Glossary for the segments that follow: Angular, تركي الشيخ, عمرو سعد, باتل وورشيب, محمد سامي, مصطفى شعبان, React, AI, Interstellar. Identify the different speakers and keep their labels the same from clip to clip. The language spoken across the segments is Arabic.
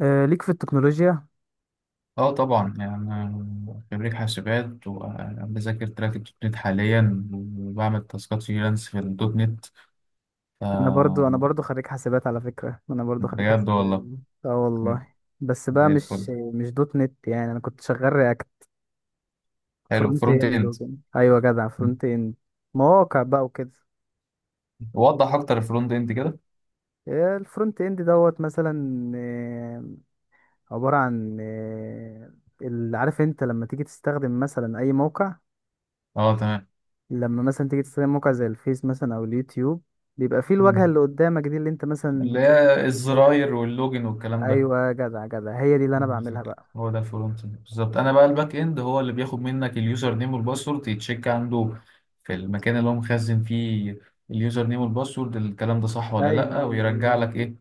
Speaker 1: آه، ليك في التكنولوجيا.
Speaker 2: اه طبعا يعني أنا خريج حاسبات وبذاكر تراك الدوت نت حاليا وبعمل تاسكات فريلانس في الدوت نت. ف
Speaker 1: انا برضو خريج حاسبات، على فكرة، انا برضو خريج
Speaker 2: بجد
Speaker 1: حاسبات.
Speaker 2: والله.
Speaker 1: اه
Speaker 2: مم.
Speaker 1: والله. بس بقى
Speaker 2: زي الفل.
Speaker 1: مش دوت نت، يعني انا كنت شغال رياكت
Speaker 2: حلو،
Speaker 1: فرونت
Speaker 2: فرونت
Speaker 1: اند
Speaker 2: اند.
Speaker 1: وكده. ايوه جدع،
Speaker 2: مم.
Speaker 1: فرونت اند، مواقع بقى وكده.
Speaker 2: وضح اكتر الفرونت اند كده.
Speaker 1: الفرونت اند دوت مثلا عبارة عن، عارف انت لما تيجي تستخدم مثلا اي موقع،
Speaker 2: اه تمام.
Speaker 1: لما مثلا تيجي تستخدم موقع زي الفيس مثلا او اليوتيوب، بيبقى فيه الواجهة
Speaker 2: مم.
Speaker 1: اللي قدامك دي اللي انت مثلا
Speaker 2: اللي
Speaker 1: بتشوف
Speaker 2: هي
Speaker 1: فيديوهات.
Speaker 2: الزراير واللوجن والكلام ده.
Speaker 1: ايوه جدع جدع، هي دي اللي انا بعملها
Speaker 2: بالظبط.
Speaker 1: بقى.
Speaker 2: هو ده الفرونت اند بالظبط، انا بقى الباك اند هو اللي بياخد منك اليوزر نيم والباسورد، يتشيك عنده في المكان اللي هو مخزن فيه اليوزر نيم والباسورد، الكلام ده صح ولا
Speaker 1: ايوه،
Speaker 2: لا،
Speaker 1: ايوه،
Speaker 2: ويرجع لك ايه.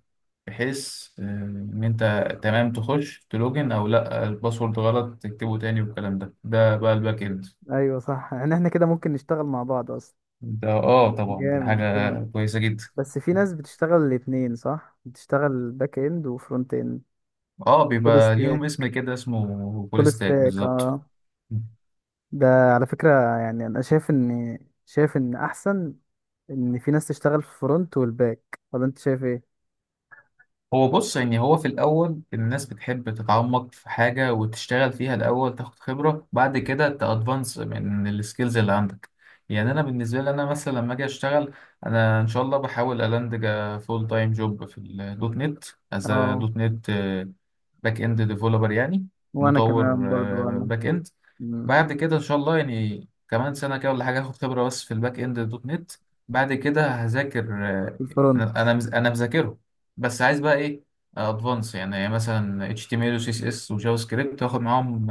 Speaker 2: بحيث ان انت تمام تخش تلوجن او لا، الباسورد غلط تكتبه تاني والكلام ده بقى الباك اند.
Speaker 1: ايوه صح، يعني احنا كده ممكن نشتغل مع بعض اصلا.
Speaker 2: ده اه طبعا دي
Speaker 1: جامد جامد.
Speaker 2: حاجة كويسة جدا.
Speaker 1: بس في ناس بتشتغل الاتنين، صح، بتشتغل باك اند وفرونت اند.
Speaker 2: اه
Speaker 1: فول
Speaker 2: بيبقى ليهم
Speaker 1: ستاك.
Speaker 2: اسم كده اسمه فول
Speaker 1: فول
Speaker 2: ستاك
Speaker 1: ستاك،
Speaker 2: بالظبط.
Speaker 1: اه. ده على فكرة، يعني انا شايف ان احسن ان في ناس تشتغل في الفرونت والباك، ولا انت شايف ايه؟
Speaker 2: هو بص، يعني هو في الأول الناس بتحب تتعمق في حاجة وتشتغل فيها الأول، تاخد خبرة بعد كده تأدفانس من السكيلز اللي عندك. يعني أنا بالنسبة لي، أنا مثلا لما أجي أشتغل، أنا إن شاء الله بحاول ألاندج فول تايم جوب في الدوت نت، أز
Speaker 1: اه،
Speaker 2: دوت نت باك إند ديفلوبر يعني،
Speaker 1: وانا
Speaker 2: مطور
Speaker 1: كمان برضو انا،
Speaker 2: باك إند.
Speaker 1: مم.
Speaker 2: بعد كده ان شاء الله يعني كمان سنه كده ولا حاجه هاخد خبره بس في الباك اند دوت نت. بعد كده هذاكر
Speaker 1: في الفرونت.
Speaker 2: انا مذاكره بس عايز بقى ايه، ادفانس يعني، مثلا اتش تي ام ال وسي اس اس وجافا سكريبت، واخد معاهم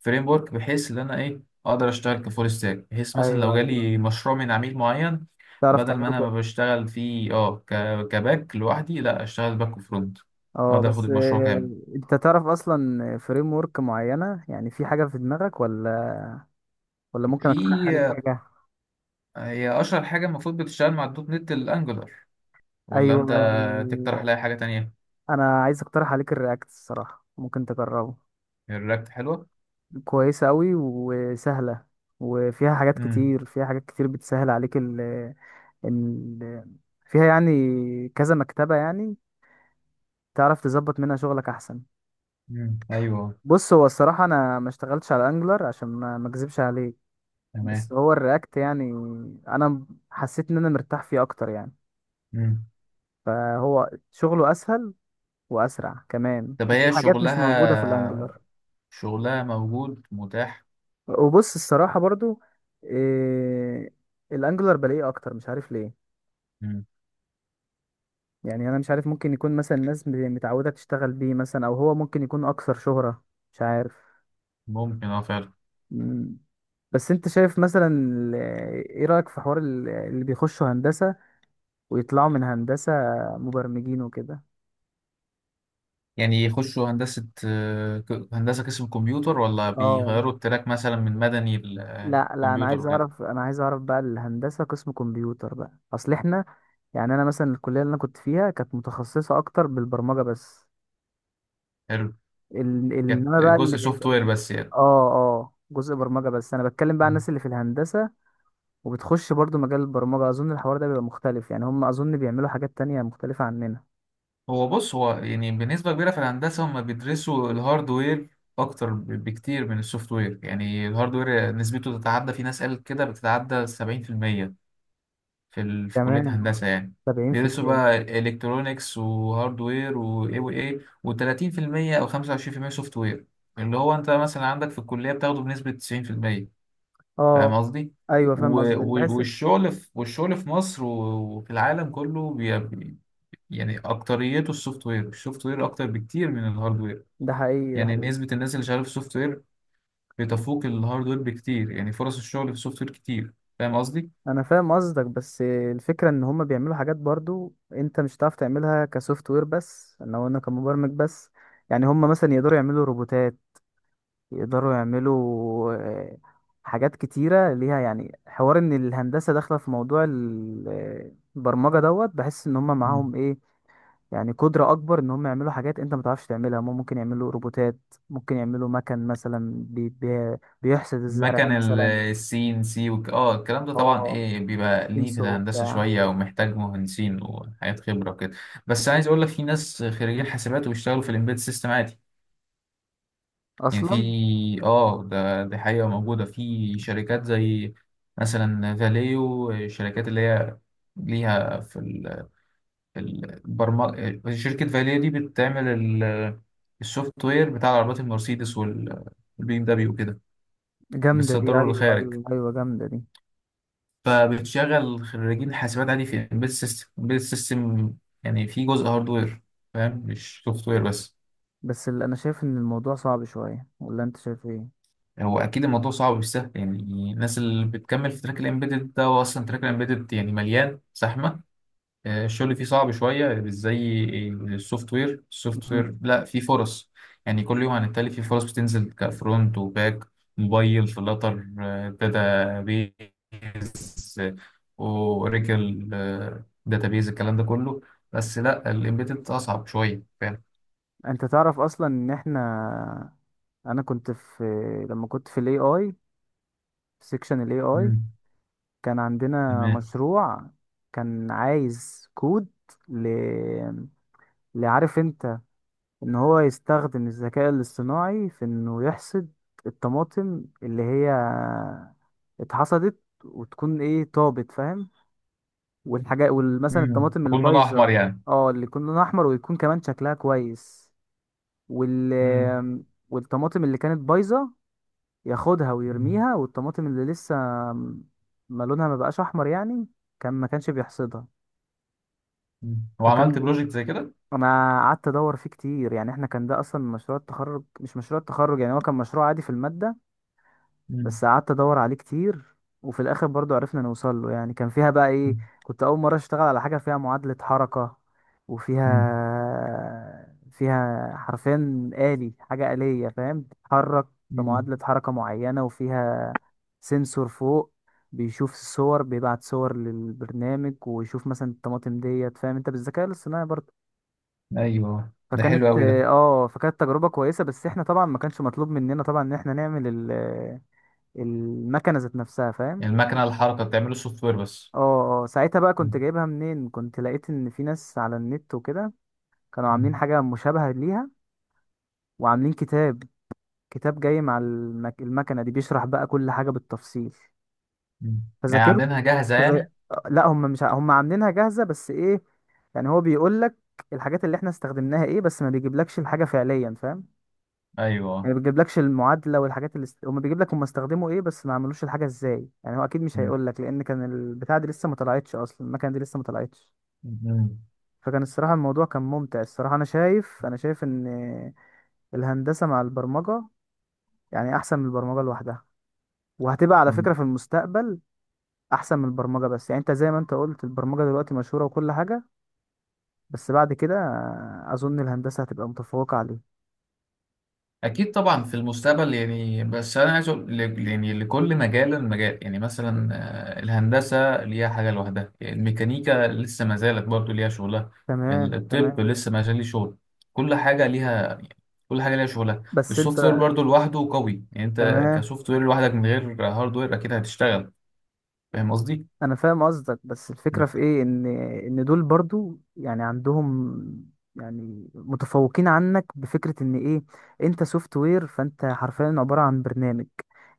Speaker 2: فريم ورك بحيث ان انا ايه، اقدر اشتغل كفول ستاك، بحيث مثلا
Speaker 1: ايوه
Speaker 2: لو جالي
Speaker 1: ايوه،
Speaker 2: مشروع من عميل معين،
Speaker 1: تعرف
Speaker 2: بدل ما
Speaker 1: تعمله.
Speaker 2: انا ما بشتغل فيه كباك لوحدي، لا اشتغل باك وفرونت،
Speaker 1: اه،
Speaker 2: اقدر اخد
Speaker 1: بس،
Speaker 2: المشروع كامل.
Speaker 1: انت تعرف اصلا فريم ورك معينه؟ يعني في حاجه في دماغك، ولا ممكن اقترح
Speaker 2: في
Speaker 1: عليك حاجه؟
Speaker 2: هي اشهر حاجه المفروض بتشتغل مع الدوت نت الانجولار، ولا
Speaker 1: ايوه.
Speaker 2: انت تقترح لي حاجة تانية؟
Speaker 1: انا عايز اقترح عليك الرياكت، الصراحه ممكن تجربه.
Speaker 2: الرياكت حلوة.
Speaker 1: كويسه قوي وسهله، وفيها حاجات
Speaker 2: امم
Speaker 1: كتير فيها حاجات كتير بتسهل عليك ال ال فيها يعني كذا مكتبه، يعني تعرف تظبط منها شغلك احسن.
Speaker 2: ايوه.
Speaker 1: بص، هو الصراحه انا ما اشتغلتش على انجلر، عشان ما اكذبش عليك، بس
Speaker 2: تمام.
Speaker 1: هو الرياكت يعني انا حسيت ان انا مرتاح فيه اكتر، يعني
Speaker 2: امم
Speaker 1: فهو شغله اسهل واسرع كمان،
Speaker 2: طب
Speaker 1: وفي
Speaker 2: هي
Speaker 1: حاجات مش موجوده في
Speaker 2: شغلها،
Speaker 1: الانجلر.
Speaker 2: شغلها موجود متاح.
Speaker 1: وبص الصراحه برضو، إيه، الانجلر بلاقيه اكتر، مش عارف ليه.
Speaker 2: امم
Speaker 1: يعني انا مش عارف، ممكن يكون مثلا الناس متعوده تشتغل بيه مثلا، او هو ممكن يكون اكثر شهره، مش عارف.
Speaker 2: ممكن اه فعلا.
Speaker 1: مم. بس انت شايف مثلا ايه رأيك في حوار اللي بيخشوا هندسة ويطلعوا من هندسة مبرمجين وكده؟
Speaker 2: يعني يخشوا هندسة هندسة قسم كمبيوتر، ولا
Speaker 1: اه.
Speaker 2: بيغيروا التراك مثلا من مدني
Speaker 1: لا لا، انا
Speaker 2: للكمبيوتر
Speaker 1: عايز
Speaker 2: وكده؟
Speaker 1: اعرف، بقى الهندسه قسم كمبيوتر، بقى اصل احنا، يعني انا مثلا الكليه اللي انا كنت فيها كانت متخصصه اكتر بالبرمجه بس،
Speaker 2: حلو.
Speaker 1: ال...
Speaker 2: كانت
Speaker 1: انما بقى اللي
Speaker 2: جزء سوفت
Speaker 1: بيبقى،
Speaker 2: وير بس يعني.
Speaker 1: اه اه، جزء برمجه بس. انا بتكلم بقى عن الناس اللي في الهندسه وبتخش برضو مجال البرمجه، اظن الحوار ده بيبقى مختلف، يعني هم اظن بيعملوا حاجات تانية مختلفه عننا.
Speaker 2: هو بص، هو يعني بنسبة كبيرة في الهندسة هم بيدرسوا الهاردوير أكتر بكتير من السوفت وير، يعني الهاردوير نسبته تتعدى، في ناس قالت كده بتتعدى 70% في كلية
Speaker 1: كمان
Speaker 2: هندسة يعني، بيدرسوا
Speaker 1: 70%.
Speaker 2: بقى إلكترونيكس وهاردوير وإيه وإيه، وتلاتين في المية أو 25% سوفت وير، اللي هو أنت مثلا عندك في الكلية بتاخده بنسبة 90%.
Speaker 1: اه،
Speaker 2: فاهم قصدي؟
Speaker 1: ايوه فاهم قصدي، بحس
Speaker 2: والشغل في مصر وفي العالم كله، يعني اكتريته السوفت وير، اكتر بكتير من الهارد وير.
Speaker 1: ده حقيقي ده
Speaker 2: يعني
Speaker 1: حقيقي.
Speaker 2: نسبة الناس اللي شغالة في السوفت وير بتفوق الهارد وير بكتير، يعني فرص الشغل في السوفت وير كتير. فاهم قصدي؟
Speaker 1: انا فاهم قصدك، بس الفكره ان هما بيعملوا حاجات برضو انت مش هتعرف تعملها كسوفت وير، بس ان هو انا، وانا كمبرمج بس، يعني هما مثلا يقدروا يعملوا روبوتات، يقدروا يعملوا حاجات كتيره ليها، يعني حوار ان الهندسه داخله في موضوع البرمجه دوت، بحس ان هما
Speaker 2: مم.
Speaker 1: معاهم ايه، يعني قدره اكبر ان هما يعملوا حاجات انت ما تعرفش تعملها. هما ممكن يعملوا روبوتات، ممكن يعملوا مكن مثلا، بي بي بيحسد الزرع
Speaker 2: مكن
Speaker 1: مثلا.
Speaker 2: السي ان سي وك... اه الكلام ده طبعا
Speaker 1: اه،
Speaker 2: ايه بيبقى ليه في
Speaker 1: سنسور
Speaker 2: الهندسة
Speaker 1: وبتاع.
Speaker 2: شوية، ومحتاج مهندسين وحاجات خبرة وكده. بس عايز اقول لك، في ناس خريجين حاسبات وبيشتغلوا في الامبيد سيستم عادي. يعني في،
Speaker 1: اصلا
Speaker 2: اه ده دي حقيقة موجودة في شركات زي مثلا فاليو، الشركات اللي هي ليها في شركة فاليا دي بتعمل السوفت وير بتاع العربيات المرسيدس والبي ام دبليو وكده،
Speaker 1: جامدة دي،
Speaker 2: بتصدره
Speaker 1: أيوة
Speaker 2: للخارج.
Speaker 1: أيوة أيوة، جامدة دي.
Speaker 2: فبتشغل خريجين حاسبات عادي في امبيد سيستم، امبيد سيستم يعني في جزء هاردوير، فاهم، مش سوفت وير بس.
Speaker 1: بس اللي أنا شايف إن الموضوع صعب شوية، ولا أنت شايف إيه؟
Speaker 2: هو اكيد الموضوع صعب، مش سهل يعني. الناس اللي بتكمل في تراك الامبيدد ده، هو اصلا تراك الامبيدد يعني مليان زحمة. الشغل فيه صعب شوية، مش زي السوفت وير. السوفت
Speaker 1: مم.
Speaker 2: وير لا فيه فرص، يعني كل يوم عن التالي فيه فرص بتنزل، كفرونت وباك، موبايل، فلاتر، داتا بيز، اوراكل، داتا بيز، الكلام ده كله. بس لا الامبيدد اصعب شوية، فاهم.
Speaker 1: أنت تعرف أصلا إن إحنا، أنا كنت في لما كنت في ال AI، في سيكشن ال AI،
Speaker 2: مم.
Speaker 1: كان عندنا
Speaker 2: تمام.
Speaker 1: مشروع كان عايز كود، ل... لعارف أنت إن هو يستخدم الذكاء الاصطناعي في إنه يحصد الطماطم اللي هي اتحصدت وتكون إيه، طابت، فاهم؟ والحاجات، ومثلا
Speaker 2: مم.
Speaker 1: الطماطم
Speaker 2: يكون لونه احمر
Speaker 1: البايظه.
Speaker 2: يعني.
Speaker 1: اه، اللي يكون لونها احمر ويكون كمان شكلها كويس، وال
Speaker 2: مم.
Speaker 1: والطماطم اللي كانت بايظه ياخدها
Speaker 2: مم.
Speaker 1: ويرميها. والطماطم اللي لسه ما لونها ما بقاش احمر يعني، كان ما كانش بيحصدها.
Speaker 2: مم. وعملت
Speaker 1: فكان
Speaker 2: بروجكت زي كده.
Speaker 1: انا قعدت ادور فيه كتير، يعني احنا كان ده اصلا مشروع التخرج، مش مشروع التخرج، يعني هو كان مشروع عادي في الماده،
Speaker 2: مم.
Speaker 1: بس قعدت ادور عليه كتير، وفي الاخر برضو عرفنا نوصل له. يعني كان فيها بقى ايه، كنت اول مره اشتغل على حاجه فيها معادله حركه،
Speaker 2: مم.
Speaker 1: وفيها حرفين آلي، حاجه آلية فاهم، بتتحرك
Speaker 2: مم.
Speaker 1: بمعادله حركه معينه، وفيها سنسور فوق بيشوف الصور، بيبعت صور للبرنامج ويشوف مثلا الطماطم ديت، فاهم انت، بالذكاء الاصطناعي برضه.
Speaker 2: ايوه، ده حلو
Speaker 1: فكانت
Speaker 2: قوي ده.
Speaker 1: اه فكانت تجربه كويسه، بس احنا طبعا ما كانش مطلوب مننا طبعا ان احنا نعمل المكنه ذات نفسها، فاهم.
Speaker 2: يعني المكنة الحركة بتعمله السوفت وير بس.
Speaker 1: اه اه، ساعتها بقى
Speaker 2: مم.
Speaker 1: كنت جايبها منين؟ كنت لقيت ان في ناس على النت وكده كانوا عاملين
Speaker 2: مم.
Speaker 1: حاجه مشابهه ليها، وعاملين كتاب جاي مع المكنه دي، بيشرح بقى كل حاجه بالتفصيل،
Speaker 2: مم. يعني
Speaker 1: فذاكرت.
Speaker 2: عاملينها جاهزة
Speaker 1: فز...
Speaker 2: يعني.
Speaker 1: لا، هم مش هم عاملينها جاهزه، بس ايه، يعني هو بيقول لك الحاجات اللي احنا استخدمناها ايه، بس ما بيجيبلكش الحاجه فعليا، فاهم. يعني
Speaker 2: أيوه.
Speaker 1: ما بيجيبلكش المعادله والحاجات اللي هم بيجيب لك هم استخدموا ايه، بس ما عملوش الحاجه ازاي. يعني هو اكيد مش
Speaker 2: مم.
Speaker 1: هيقول لك، لان كان البتاع دي لسه ما طلعتش اصلا، المكنه دي لسه ما طلعتش.
Speaker 2: مم.
Speaker 1: فكان الصراحه الموضوع كان ممتع الصراحه. انا شايف، انا شايف ان الهندسه مع البرمجه يعني احسن من البرمجه لوحدها، وهتبقى على فكره
Speaker 2: مم.
Speaker 1: في المستقبل احسن من البرمجه، بس يعني انت زي ما انت قلت البرمجه دلوقتي مشهوره وكل حاجه، بس بعد كده اظن الهندسه هتبقى متفوقه عليه.
Speaker 2: أكيد طبعا في المستقبل يعني، بس أنا عايز أقول ل- يعني لكل مجال مجال، يعني مثلا الهندسة ليها حاجة لوحدها، يعني الميكانيكا لسه ما زالت برضه ليها شغلها.
Speaker 1: تمام
Speaker 2: الطب
Speaker 1: تمام.
Speaker 2: لسه ما زال ليه شغل. كل حاجة ليها، كل حاجة ليها شغلها.
Speaker 1: بس انت،
Speaker 2: السوفت وير برضه لوحده قوي، يعني أنت
Speaker 1: تمام،
Speaker 2: كسوفت وير لوحدك من غير هارد وير أكيد هتشتغل. فاهم قصدي؟
Speaker 1: انا فاهم قصدك، بس الفكره في ايه، ان دول برضو يعني عندهم، يعني متفوقين عنك بفكره ان ايه، انت سوفت وير فانت حرفيا عباره عن برنامج،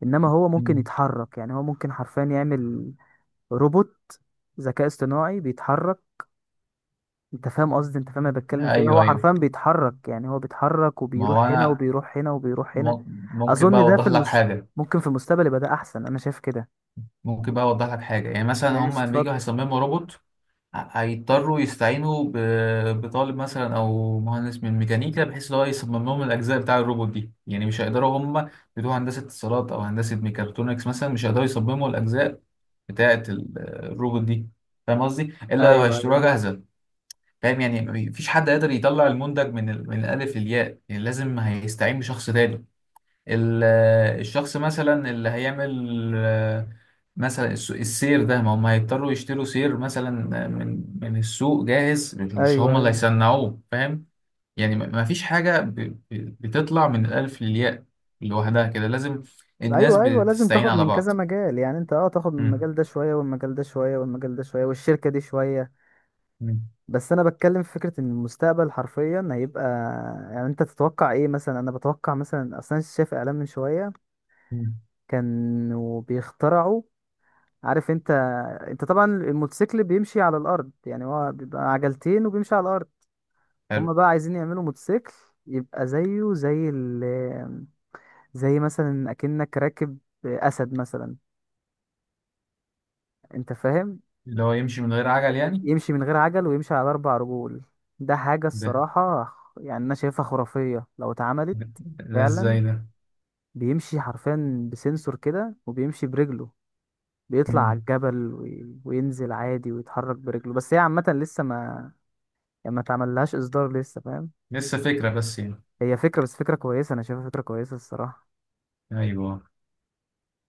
Speaker 1: انما هو ممكن
Speaker 2: مم.
Speaker 1: يتحرك، يعني هو ممكن حرفيا يعمل روبوت، ذكاء اصطناعي بيتحرك، انت فاهم قصدي، انت فاهم انا بتكلم في ايه،
Speaker 2: ايوه
Speaker 1: هو
Speaker 2: ايوه،
Speaker 1: حرفيا بيتحرك، يعني هو بيتحرك
Speaker 2: ما هو
Speaker 1: وبيروح هنا
Speaker 2: انا
Speaker 1: وبيروح هنا وبيروح هنا.
Speaker 2: ممكن بقى
Speaker 1: اظن ده في
Speaker 2: اوضح لك حاجه.
Speaker 1: ممكن في المستقبل يبقى ده احسن، انا شايف كده.
Speaker 2: ممكن بقى اوضح لك حاجه. يعني مثلا
Speaker 1: ماشي
Speaker 2: هم لما يجوا
Speaker 1: اتفضل.
Speaker 2: هيصمموا روبوت، هيضطروا يستعينوا بطالب مثلا او مهندس من ميكانيكا، بحيث ان هو يصمم لهم الاجزاء بتاع الروبوت دي. يعني مش هيقدروا هم، بتوع هندسه اتصالات او هندسه ميكاترونكس مثلا، مش هيقدروا يصمموا الاجزاء بتاعه الروبوت دي. فاهم قصدي، الا لو
Speaker 1: ايوه
Speaker 2: هيشتروها
Speaker 1: ايوه
Speaker 2: جاهزه. فاهم يعني، مفيش حد قادر يطلع المنتج من ال-، من الالف للياء، يعني لازم هيستعين بشخص تاني. ال- الشخص مثلا اللي هيعمل مثلا السير ده، ما هم هيضطروا يشتروا سير مثلا من السوق جاهز، مش
Speaker 1: ايوه،
Speaker 2: هم اللي
Speaker 1: ايوه
Speaker 2: هيصنعوه، فاهم. يعني ما فيش حاجة بتطلع من الألف للياء لوحدها كده، لازم الناس
Speaker 1: ايوه ايوه، لازم
Speaker 2: بتستعين
Speaker 1: تاخد
Speaker 2: على
Speaker 1: من
Speaker 2: بعض.
Speaker 1: كذا مجال، يعني انت، تاخد من
Speaker 2: مم.
Speaker 1: المجال ده شويه والمجال ده شويه والمجال ده شويه والشركه دي شويه.
Speaker 2: مم.
Speaker 1: بس انا بتكلم في فكره ان المستقبل حرفيا هيبقى، يعني انت تتوقع ايه مثلا؟ انا بتوقع مثلا، اصلا شايف اعلان من شويه
Speaker 2: مم.
Speaker 1: كانوا بيخترعوا، عارف انت، انت طبعا الموتوسيكل بيمشي على الارض، يعني هو بيبقى عجلتين وبيمشي على الارض،
Speaker 2: حلو.
Speaker 1: هما بقى عايزين يعملوا موتوسيكل يبقى زيه، زي مثلا اكنك راكب اسد مثلا، انت فاهم،
Speaker 2: اللي هو يمشي من غير عجل يعني.
Speaker 1: يمشي من غير عجل ويمشي على اربع رجول. ده حاجة
Speaker 2: ده
Speaker 1: الصراحة يعني انا شايفها خرافية لو اتعملت
Speaker 2: ده, ده
Speaker 1: فعلا،
Speaker 2: ازاي ده؟
Speaker 1: بيمشي حرفيا بسنسور كده وبيمشي برجله، بيطلع على
Speaker 2: مم.
Speaker 1: الجبل وينزل عادي ويتحرك برجله، بس هي عامة لسه ما، يعني ما اتعملهاش اصدار لسه، فاهم،
Speaker 2: لسه فكرة بس يعني.
Speaker 1: هي فكرة بس، فكرة كويسة، انا شايفها فكرة كويسة الصراحة.
Speaker 2: ايوه.